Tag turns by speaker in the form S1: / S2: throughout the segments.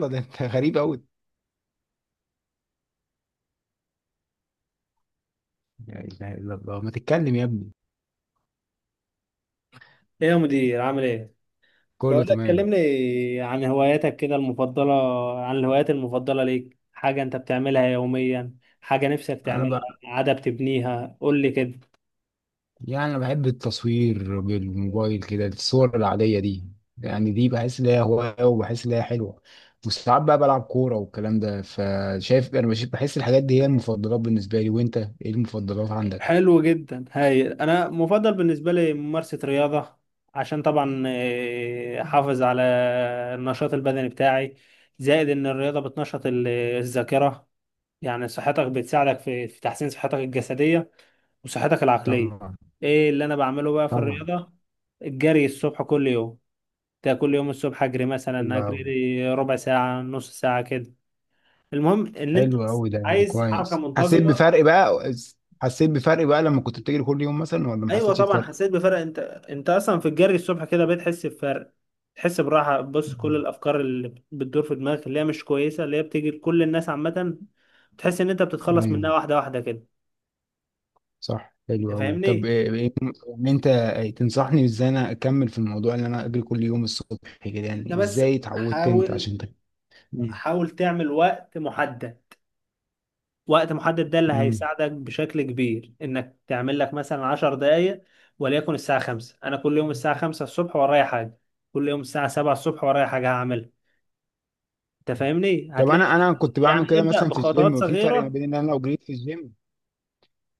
S1: ده انت غريب قوي. لا اله الا الله، ما تتكلم يا ابني.
S2: ايه يا مدير عامل ايه؟ بقول
S1: كله
S2: لك
S1: تمام.
S2: كلمني عن هواياتك كده المفضله، عن الهوايات المفضله ليك. حاجه انت بتعملها يوميا، حاجه نفسك
S1: انا
S2: تعملها
S1: بقى،
S2: عاده بتبنيها، قول لي كده.
S1: يعني انا بحب التصوير بالموبايل كده الصور العاديه دي. يعني دي بحس ان هي هوايه، وبحس ان هي حلوه. وساعات بقى بلعب كوره والكلام ده، فشايف بحس الحاجات دي هي المفضلات بالنسبه لي. وانت ايه المفضلات عندك؟
S2: حلو جدا. هاي انا مفضل بالنسبه لي ممارسه رياضه، عشان طبعا احافظ على النشاط البدني بتاعي، زائد ان الرياضه بتنشط الذاكره. يعني صحتك بتساعدك في تحسين صحتك الجسديه وصحتك العقلية.
S1: طبعا.
S2: ايه اللي انا بعمله بقى في
S1: طبعا.
S2: الرياضة؟ الجري الصبح كل يوم. ده كل يوم الصبح اجري،
S1: حلو
S2: مثلا اجري
S1: قوي.
S2: لي ربع ساعة نص ساعة كده. المهم ان انت
S1: حلو قوي، ده يعني
S2: عايز حركة
S1: كويس. حسيت
S2: منتظمة.
S1: بفرق بقى؟ حسيت بفرق بقى لما كنت بتجري كل يوم مثلا، ولا ما
S2: ايوه
S1: حسيتش
S2: طبعا
S1: بفرق؟
S2: حسيت بفرق. انت انت اصلا في الجري الصبح كده بتحس بفرق، تحس براحة. بص، كل
S1: مم.
S2: الافكار اللي بتدور في دماغك اللي هي مش كويسة، اللي هي بتيجي لكل الناس عامة، تحس ان انت بتتخلص
S1: ايوه
S2: منها واحدة واحدة كده.
S1: صح، حلو
S2: انت
S1: أوي. طب
S2: فاهمني؟
S1: إن أنت تنصحني إزاي أنا أكمل في الموضوع، إن أنا أجري كل يوم الصبح كده؟
S2: انت
S1: يعني
S2: بس
S1: إزاي اتعودت أنت
S2: حاول،
S1: عشان تك...؟ مم.
S2: تعمل وقت محدد. وقت محدد ده اللي
S1: مم.
S2: هيساعدك بشكل كبير، انك تعمل لك مثلا 10 دقائق، وليكن الساعة 5. انا كل يوم الساعة 5 الصبح ورايا حاجة، كل يوم الساعة 7 الصبح ورايا حاجة هعملها. انت فاهمني؟
S1: طب أنا
S2: هتلاقي،
S1: أنا كنت بعمل
S2: يعني
S1: كده
S2: ابدأ
S1: مثلا في الجيم،
S2: بخطوات
S1: وفي فرق ما
S2: صغيرة.
S1: بين إن أنا لو جريت في الجيم.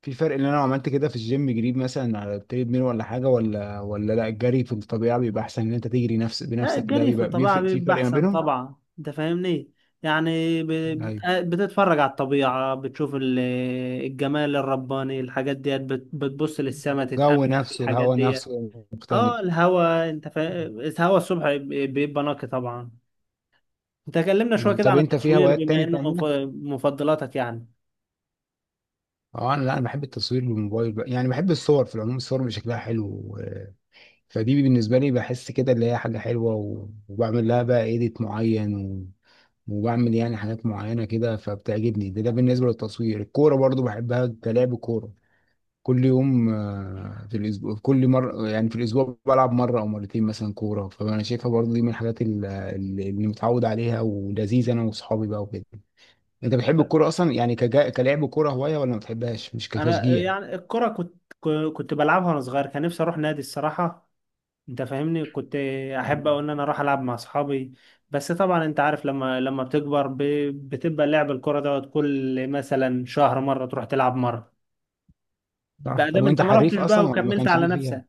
S1: في فرق إن أنا لو عملت كده في الجيم، جريت مثلا على التريد ميل ولا حاجة، ولا لا، الجري في الطبيعة بيبقى أحسن. إن أنت تجري نفس
S2: لا،
S1: بنفسك ده
S2: الجري في
S1: بيبقى
S2: الطبيعة
S1: بيفرق، في
S2: بيبقى
S1: فرق ما
S2: احسن
S1: بينهم.
S2: طبعا. انت فاهمني؟ يعني ب...
S1: ايوه.
S2: آه، بتتفرج على الطبيعة، بتشوف الجمال الرباني. الحاجات ديت بتبص للسما،
S1: الجو
S2: تتأمل في
S1: نفسه،
S2: الحاجات
S1: الهواء
S2: ديت.
S1: نفسه
S2: اه،
S1: مختلف.
S2: الهوا الهوا الصبح بيبقى نقي طبعا. انت كلمنا شويه
S1: آه.
S2: كده
S1: طب
S2: عن
S1: أنت في
S2: التصوير
S1: هوايات
S2: بما
S1: تاني
S2: انه من
S1: بتعملها؟
S2: مفضلاتك يعني.
S1: اه انا، لا انا بحب التصوير بالموبايل بقى. يعني بحب الصور في العموم، الصور اللي شكلها حلو فدي بالنسبه لي بحس كده اللي هي حاجه حلوه، وبعمل لها بقى ايديت معين، و... وبعمل يعني حاجات معينه كده فبتعجبني. ده بالنسبه للتصوير. الكوره برضو بحبها، كلعب كوره كل يوم. آه، في الاسبوع، كل مره يعني في الاسبوع بلعب مره او مرتين مثلا كوره. فانا شايفها برضو دي من اللي متعود عليها ولذيذه، انا واصحابي بقى وكده. انت بتحب الكوره اصلا؟ يعني كلعب كوره هوايه، ولا ما بتحبهاش مش
S2: انا
S1: كتشجيع؟
S2: يعني الكره كنت، كنت بلعبها وانا صغير، كان نفسي اروح نادي الصراحه. انت فاهمني؟ كنت احب
S1: مم.
S2: أوي ان انا اروح العب مع اصحابي. بس طبعا انت عارف، لما بتكبر بتبقى لعب الكره دوت كل مثلا شهر مره، تروح تلعب مره،
S1: صح.
S2: بقى
S1: طب
S2: دام انت
S1: وانت
S2: ما
S1: حريف
S2: رحتش بقى
S1: اصلا، ولا ما
S2: وكملت
S1: كانش
S2: على
S1: ليك فيها؟
S2: نفسك.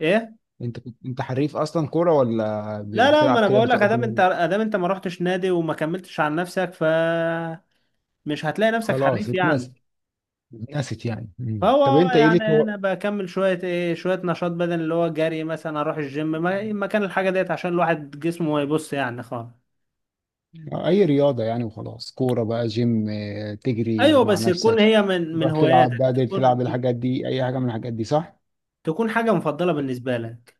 S2: ايه؟
S1: انت كنت، انت حريف اصلا كوره، ولا
S2: لا لا، ما
S1: بتلعب
S2: انا
S1: كده
S2: بقول لك،
S1: بتقضي
S2: ادام
S1: وقت؟
S2: انت ادام انت ما رحتش نادي وما كملتش على نفسك، ف مش هتلاقي نفسك
S1: خلاص
S2: حريف يعني.
S1: اتنست. اتنست يعني. طب
S2: هو
S1: انت ايه ليك
S2: يعني
S1: هو؟
S2: انا بكمل شويه ايه، شويه نشاط بدني، اللي هو جري، مثلا اروح الجيم مكان الحاجه ديت، عشان الواحد جسمه ما يبص يعني خالص.
S1: آه، اي رياضه يعني وخلاص، كوره بقى، جيم، آه، تجري
S2: ايوه،
S1: مع
S2: بس تكون
S1: نفسك،
S2: هي من
S1: تروح تلعب.
S2: هواياتك،
S1: بدل تلعب
S2: تكون
S1: الحاجات دي اي حاجه من الحاجات دي، صح.
S2: حاجه مفضله بالنسبه لك.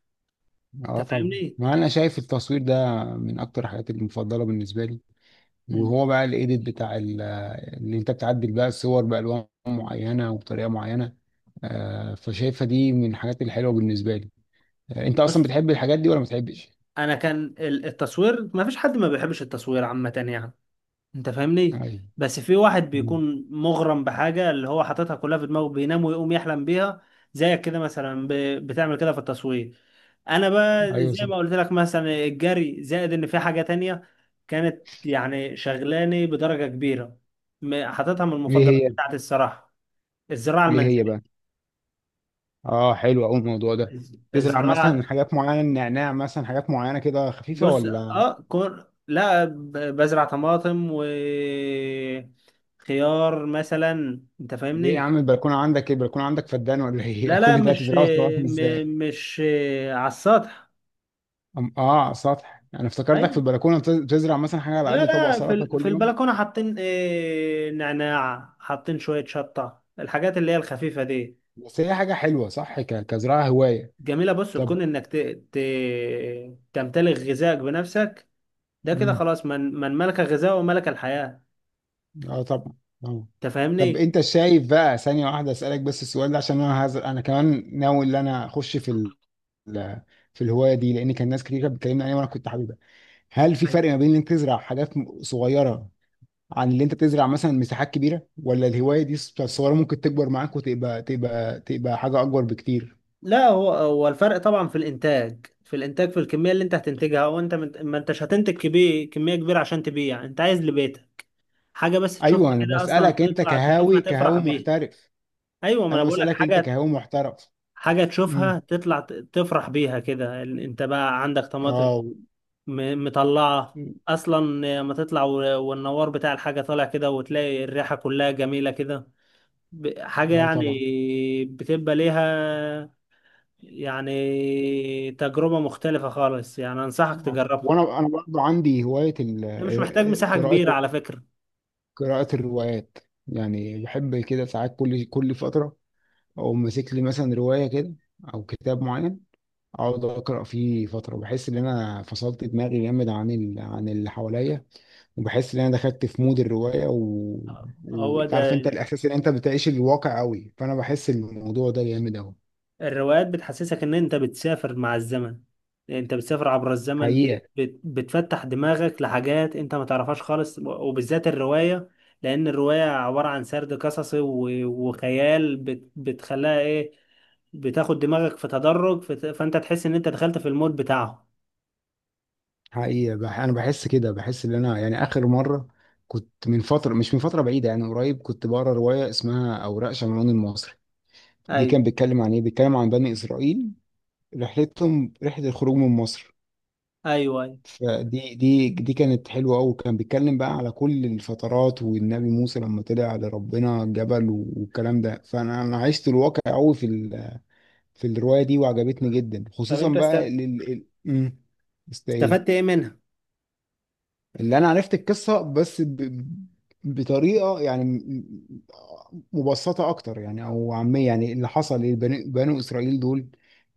S1: اه
S2: انت
S1: طبعا،
S2: فاهمني؟
S1: ما انا شايف التصوير ده من اكتر الحاجات المفضله بالنسبه لي.
S2: مم.
S1: وهو بقى الايديت اللي انت بتعدل بقى الصور بألوان معينة وبطريقة معينة. آه، فشايفها دي من الحاجات الحلوة بالنسبة لي. آه، انت
S2: بص،
S1: اصلا بتحب الحاجات دي، ولا ما بتحبش؟
S2: انا كان التصوير ما فيش حد ما بيحبش التصوير عامه يعني. انت فاهمني؟
S1: ايوه.
S2: بس في واحد
S1: مم.
S2: بيكون مغرم بحاجة اللي هو حاططها كلها في دماغه، بينام ويقوم يحلم بيها. زيك كده مثلا بتعمل كده في التصوير. انا بقى
S1: ايوه
S2: زي
S1: صح.
S2: ما قلت لك، مثلا الجري، زائد ان في حاجة تانية كانت يعني شغلاني بدرجة كبيرة، حاططها من
S1: ايه
S2: المفضلات
S1: هي؟
S2: بتاعتي الصراحة. الزراعة
S1: ايه هي
S2: المنزلية.
S1: بقى؟ اه حلو قوي الموضوع ده. تزرع مثلا
S2: الزراعة،
S1: حاجات معينة، نعناع مثلا، حاجات معينة كده خفيفة
S2: بص،
S1: ولا؟
S2: اه كون، لا بزرع طماطم وخيار مثلا. انت
S1: ليه يا
S2: فاهمني؟
S1: عم، البلكونة عندك ايه؟ البلكونة عندك فدان ولا ايه؟
S2: لا لا،
S1: كل ده
S2: مش
S1: هتزرعه طبعا ازاي؟
S2: م- مش على السطح.
S1: اه على السطح، انا افتكرتك في
S2: ايوه،
S1: البلكونة بتزرع مثلا حاجة على
S2: لا
S1: قد طبق
S2: لا، في
S1: سلطة كل
S2: في
S1: يوم.
S2: البلكونه حاطين نعناع، حاطين شويه شطه، الحاجات اللي هي الخفيفه دي.
S1: بس هي حاجة حلوة صح، كزراعة هواية.
S2: جميله، بص
S1: طب
S2: تكون انك ت... تمتلك غذائك بنفسك. ده كده
S1: امم.
S2: خلاص، من ملك الغذاء وملك الحياه.
S1: اه طبعا. اه.
S2: انت
S1: طب
S2: فاهمني؟
S1: انت شايف بقى، ثانية واحدة اسألك بس السؤال ده عشان انا كمان ناوي ان انا اخش في ال... في الهواية دي، لان كان ناس كتير كانت بتكلمني عليها وانا كنت حاببها. هل في
S2: أيوة.
S1: فرق ما بين انك تزرع صغيرة، عن اللي انت تزرع مثلا مساحات كبيرة؟ ولا الهواية دي الصغيرة ممكن تكبر معاك وتبقى تبقى حاجة اكبر بكتير؟
S2: لا، هو الفرق طبعا في الانتاج، في الكميه اللي انت هتنتجها. وانت ما انتش هتنتج كبير، كميه كبيره عشان تبيع، انت عايز لبيتك حاجة بس
S1: ايوه.
S2: تشوفها
S1: انا
S2: كده، أصلا
S1: بسألك انت
S2: تطلع تشوفها
S1: كهاوي،
S2: تفرح
S1: كهاوي
S2: بيها.
S1: محترف.
S2: أيوة، ما أنا
S1: انا
S2: بقول لك،
S1: بسألك انت
S2: حاجة
S1: كهاوي محترف.
S2: حاجة تشوفها
S1: مم.
S2: تطلع تفرح بيها كده. أنت بقى عندك طماطم
S1: اه.
S2: مطلعة أصلا، لما تطلع، و- والنوار بتاع الحاجة طالع كده، وتلاقي الريحة كلها جميلة كده، حاجة
S1: اه
S2: يعني
S1: طبعا.
S2: بتبقى ليها يعني تجربة مختلفة خالص. يعني أنصحك
S1: آه.
S2: تجربها.
S1: وانا، انا برضه عندي هوايه ال-،
S2: مش محتاج
S1: آه،
S2: مساحة
S1: قراءه.
S2: كبيرة على فكرة.
S1: قراءه الروايات. يعني بحب كده ساعات، كل فتره، او ماسك لي مثلا روايه كده، او كتاب معين، اقعد اقرا فيه فتره، بحس ان انا فصلت دماغي جامد عن ال... عن اللي حواليا. وبحس ان انا دخلت في مود الروايه و...
S2: هو ده،
S1: وتعرف انت الاحساس ان انت بتعيش الواقع قوي، فانا بحس الموضوع ده جامد قوي.
S2: الروايات بتحسسك ان انت بتسافر مع الزمن، انت بتسافر عبر الزمن،
S1: حقيقه.
S2: بتفتح دماغك لحاجات انت ما تعرفهاش خالص، وبالذات الرواية، لان الرواية عبارة عن سرد قصصي و- وخيال، بتخليها ايه، بتاخد دماغك في تدرج، فانت تحس ان انت دخلت في المود بتاعه.
S1: حقيقة، بح أنا بحس كده، بحس إن أنا يعني آخر مرة كنت من فترة، مش من فترة بعيدة يعني، قريب كنت بقرا رواية اسمها أوراق شمعون المصري. دي
S2: ايوه
S1: كان بيتكلم عن إيه؟ بيتكلم عن بني إسرائيل، رحلتهم رحلة الخروج من مصر.
S2: ايوه. ايوه،
S1: فدي، دي كانت حلوة أوي. كان بيتكلم بقى على كل الفترات، والنبي موسى لما طلع لربنا الجبل والكلام ده. فأنا، أنا عشت الواقع أوي في ال- في الرواية دي، وعجبتني جدا،
S2: طب
S1: خصوصا
S2: انت
S1: بقى لل... ال-، است إيه؟
S2: استفدت ايه منها؟
S1: اللي انا عرفت القصه بس ب... بطريقه يعني مبسطه اكتر يعني، او عاميه يعني. اللي حصل لبني بنو اسرائيل دول،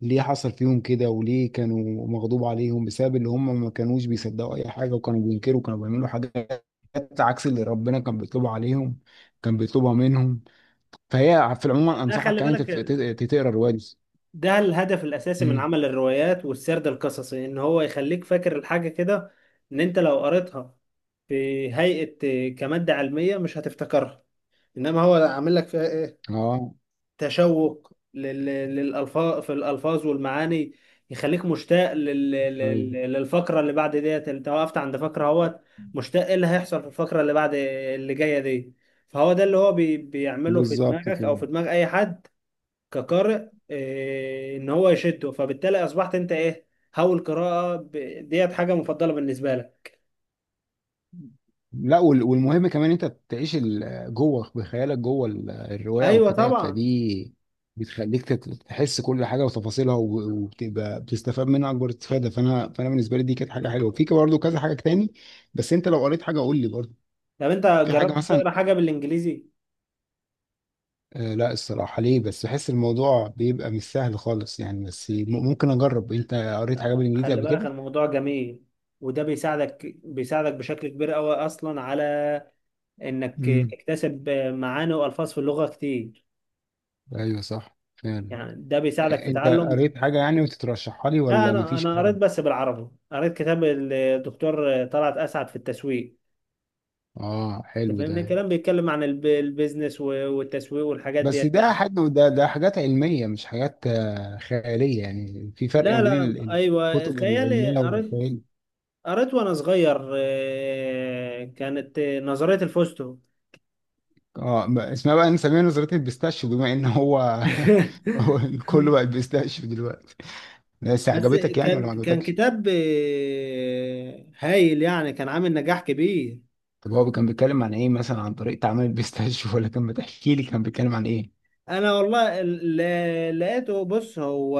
S1: ليه حصل فيهم كده، وليه كانوا مغضوب عليهم، بسبب اللي هم ما كانوش بيصدقوا اي حاجه، وكانوا بينكروا، كانوا بيعملوا حاجات عكس اللي ربنا كان بيطلبها عليهم، كان بيطلبها منهم. فهي في العموم
S2: ما هو ده،
S1: انصحك
S2: خلي
S1: يعني
S2: بالك،
S1: تقرا الروايه دي.
S2: ده الهدف الأساسي من
S1: مم.
S2: عمل الروايات والسرد القصصي، إن هو يخليك فاكر الحاجة كده. إن أنت لو قريتها في هيئة كمادة علمية، مش هتفتكرها. إنما هو عامل لك فيها إيه،
S1: اه.
S2: تشوق للألفاظ، في الألفاظ والمعاني، يخليك مشتاق
S1: أيوة.
S2: للفقرة اللي بعد ديت. أنت وقفت عند فقرة اهوت، مشتاق إيه اللي هيحصل في الفقرة اللي بعد، اللي جاية دي. فهو ده اللي هو بيعمله في
S1: بالظبط
S2: دماغك،
S1: كده.
S2: أو في دماغ أي حد كقارئ، ان هو يشده، فبالتالي اصبحت انت ايه، هو القراءه ديت حاجه مفضله بالنسبه لك.
S1: لا وال-، والمهم كمان انت بتعيش ال- جوه بخيالك، جوه ال- الروايه او
S2: ايوه
S1: الكتاب.
S2: طبعا.
S1: فدي بتخليك تحس كل حاجه وتفاصيلها، وبتبقى بتستفاد منها اكبر استفاده. فانا بالنسبه لي دي كانت حاجه حلوه، في برضه كذا حاجه تاني. بس انت لو قريت حاجه قول لي برضه.
S2: طب انت
S1: في حاجه
S2: جربت
S1: مثلا؟
S2: تقرا حاجه بالانجليزي؟
S1: آه، لا الصراحه، ليه بس، بحس الموضوع بيبقى مش سهل خالص يعني، بس ممكن اجرب. انت قريت حاجه بالانجليزي
S2: خلي
S1: قبل
S2: بالك
S1: كده؟
S2: الموضوع جميل، وده بيساعدك بشكل كبير قوي اصلا على انك
S1: امم.
S2: تكتسب معاني والفاظ في اللغه كتير.
S1: ايوه صح فعلا.
S2: يعني ده بيساعدك
S1: آه،
S2: في
S1: انت
S2: تعلم.
S1: قريت حاجه يعني وتترشحها لي،
S2: لا،
S1: ولا
S2: انا
S1: مفيش
S2: انا
S1: حاجه؟
S2: قريت بس بالعربي، قريت كتاب الدكتور طلعت اسعد في التسويق.
S1: اه
S2: انت
S1: حلو ده.
S2: فاهمني؟ كلام بيتكلم عن البيزنس و- والتسويق والحاجات
S1: بس
S2: ديت
S1: ده
S2: يعني.
S1: حاجة، ده حاجات علمية مش حاجات آه، خيالية يعني. في فرق ما
S2: لا
S1: بين
S2: لا،
S1: ال- ال-
S2: ايوه
S1: الكتب
S2: خيالي
S1: العلمية
S2: قريت،
S1: والخيال.
S2: قريت وانا صغير كانت نظرية الفوستو.
S1: اه اسمها بقى نسميها نظرية البيستاشيو بما ان هو هو كله بقى البيستاشيو دلوقتي. بس
S2: بس
S1: عجبتك يعني، ولا
S2: كان،
S1: ما عجبتكش؟
S2: كتاب هايل يعني، كان عامل نجاح كبير.
S1: طب هو كان بيتكلم عن ايه مثلا، عن طريقة عمل البيستاشيو؟ ولا كان بتحكي لي كان بيتكلم عن ايه؟
S2: انا والله، لقيته. بص، هو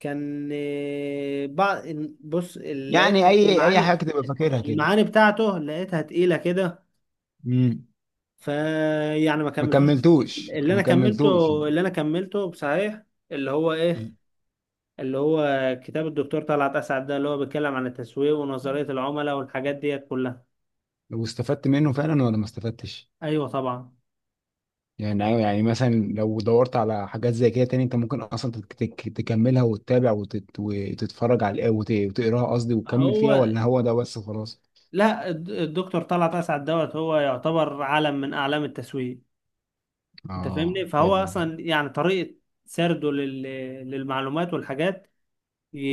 S2: كان بعض، بص لقيت
S1: يعني اي
S2: المعاني،
S1: حاجة تبقى فاكرها كده.
S2: المعاني بتاعته لقيتها تقيلة كده،
S1: امم.
S2: فيعني ما
S1: ما
S2: كملتوش.
S1: كملتوش
S2: اللي انا
S1: ما
S2: كملته،
S1: كملتوش
S2: بصحيح، اللي هو ايه، اللي هو كتاب الدكتور طلعت اسعد ده، اللي هو بيتكلم عن التسويق ونظرية العملاء والحاجات ديت كلها.
S1: واستفدت منه فعلا، ولا ما استفدتش؟
S2: ايوه طبعا.
S1: يعني أيوة، يعني مثلا لو دورت على حاجات زي كده تاني، انت ممكن اصلا تكملها وتتابع وتت... وتتفرج على وت... وتقراها قصدي، وتكمل فيها،
S2: هو،
S1: ولا هو ده بس خلاص؟
S2: لا الدكتور طلعت اسعد دوت هو يعتبر علم من اعلام التسويق. انت
S1: اه
S2: فاهمني؟ فهو
S1: حلو ده.
S2: اصلا يعني طريقة سرده للمعلومات والحاجات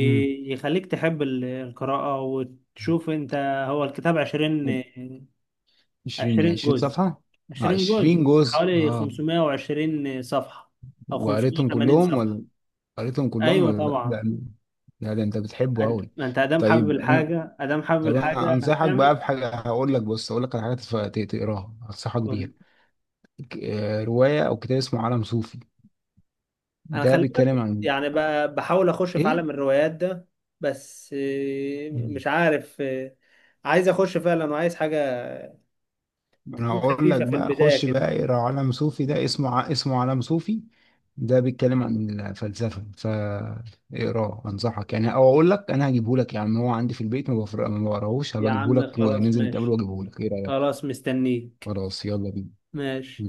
S1: امم.
S2: يخليك تحب القراءة وتشوف انت. هو الكتاب 20،
S1: 20، 20
S2: جزء،
S1: صفحة؟ اه
S2: 20 جزء
S1: 20 جزء،
S2: حوالي
S1: اه.
S2: 520 صفحة، أو
S1: وقريتهم
S2: 580
S1: كلهم
S2: صفحة.
S1: ولا؟ قريتهم كلهم
S2: أيوة
S1: ولا؟ لا
S2: طبعا.
S1: ده، لا ده انت بتحبه
S2: أنت،
S1: قوي.
S2: ما أنت أدام حابب
S1: طيب انا،
S2: الحاجة،
S1: طب انا انصحك بقى
S2: هتعمل.
S1: بحاجه، هقول لك، بص هقول لك على حاجه تقراها، انصحك بيها.
S2: قول.
S1: آه، روايه او كتاب اسمه عالم صوفي.
S2: أنا
S1: ده
S2: خلي
S1: بيتكلم
S2: بالك،
S1: عن
S2: يعني بحاول أخش في
S1: ايه؟
S2: عالم الروايات ده، بس
S1: مم.
S2: مش عارف، عايز أخش فعلا، وعايز حاجة
S1: انا
S2: تكون
S1: هقول لك
S2: خفيفة في
S1: بقى،
S2: البداية
S1: خش
S2: كده.
S1: بقى اقرا عالم صوفي. ده اسمه اسمه عالم صوفي. ده بيتكلم عن الفلسفه، فاقراه انصحك يعني. او اقول لك، انا هجيبه لك يعني، هو عندي في البيت، ما بفرق ما بقراهوش،
S2: يا
S1: هبقى اجيبه
S2: عم
S1: لك،
S2: خلاص
S1: وننزل نتقابل
S2: ماشي.
S1: واجيبه لك. ايه رايك؟
S2: خلاص مستنيك.
S1: خلاص يلا بينا.
S2: ماشي.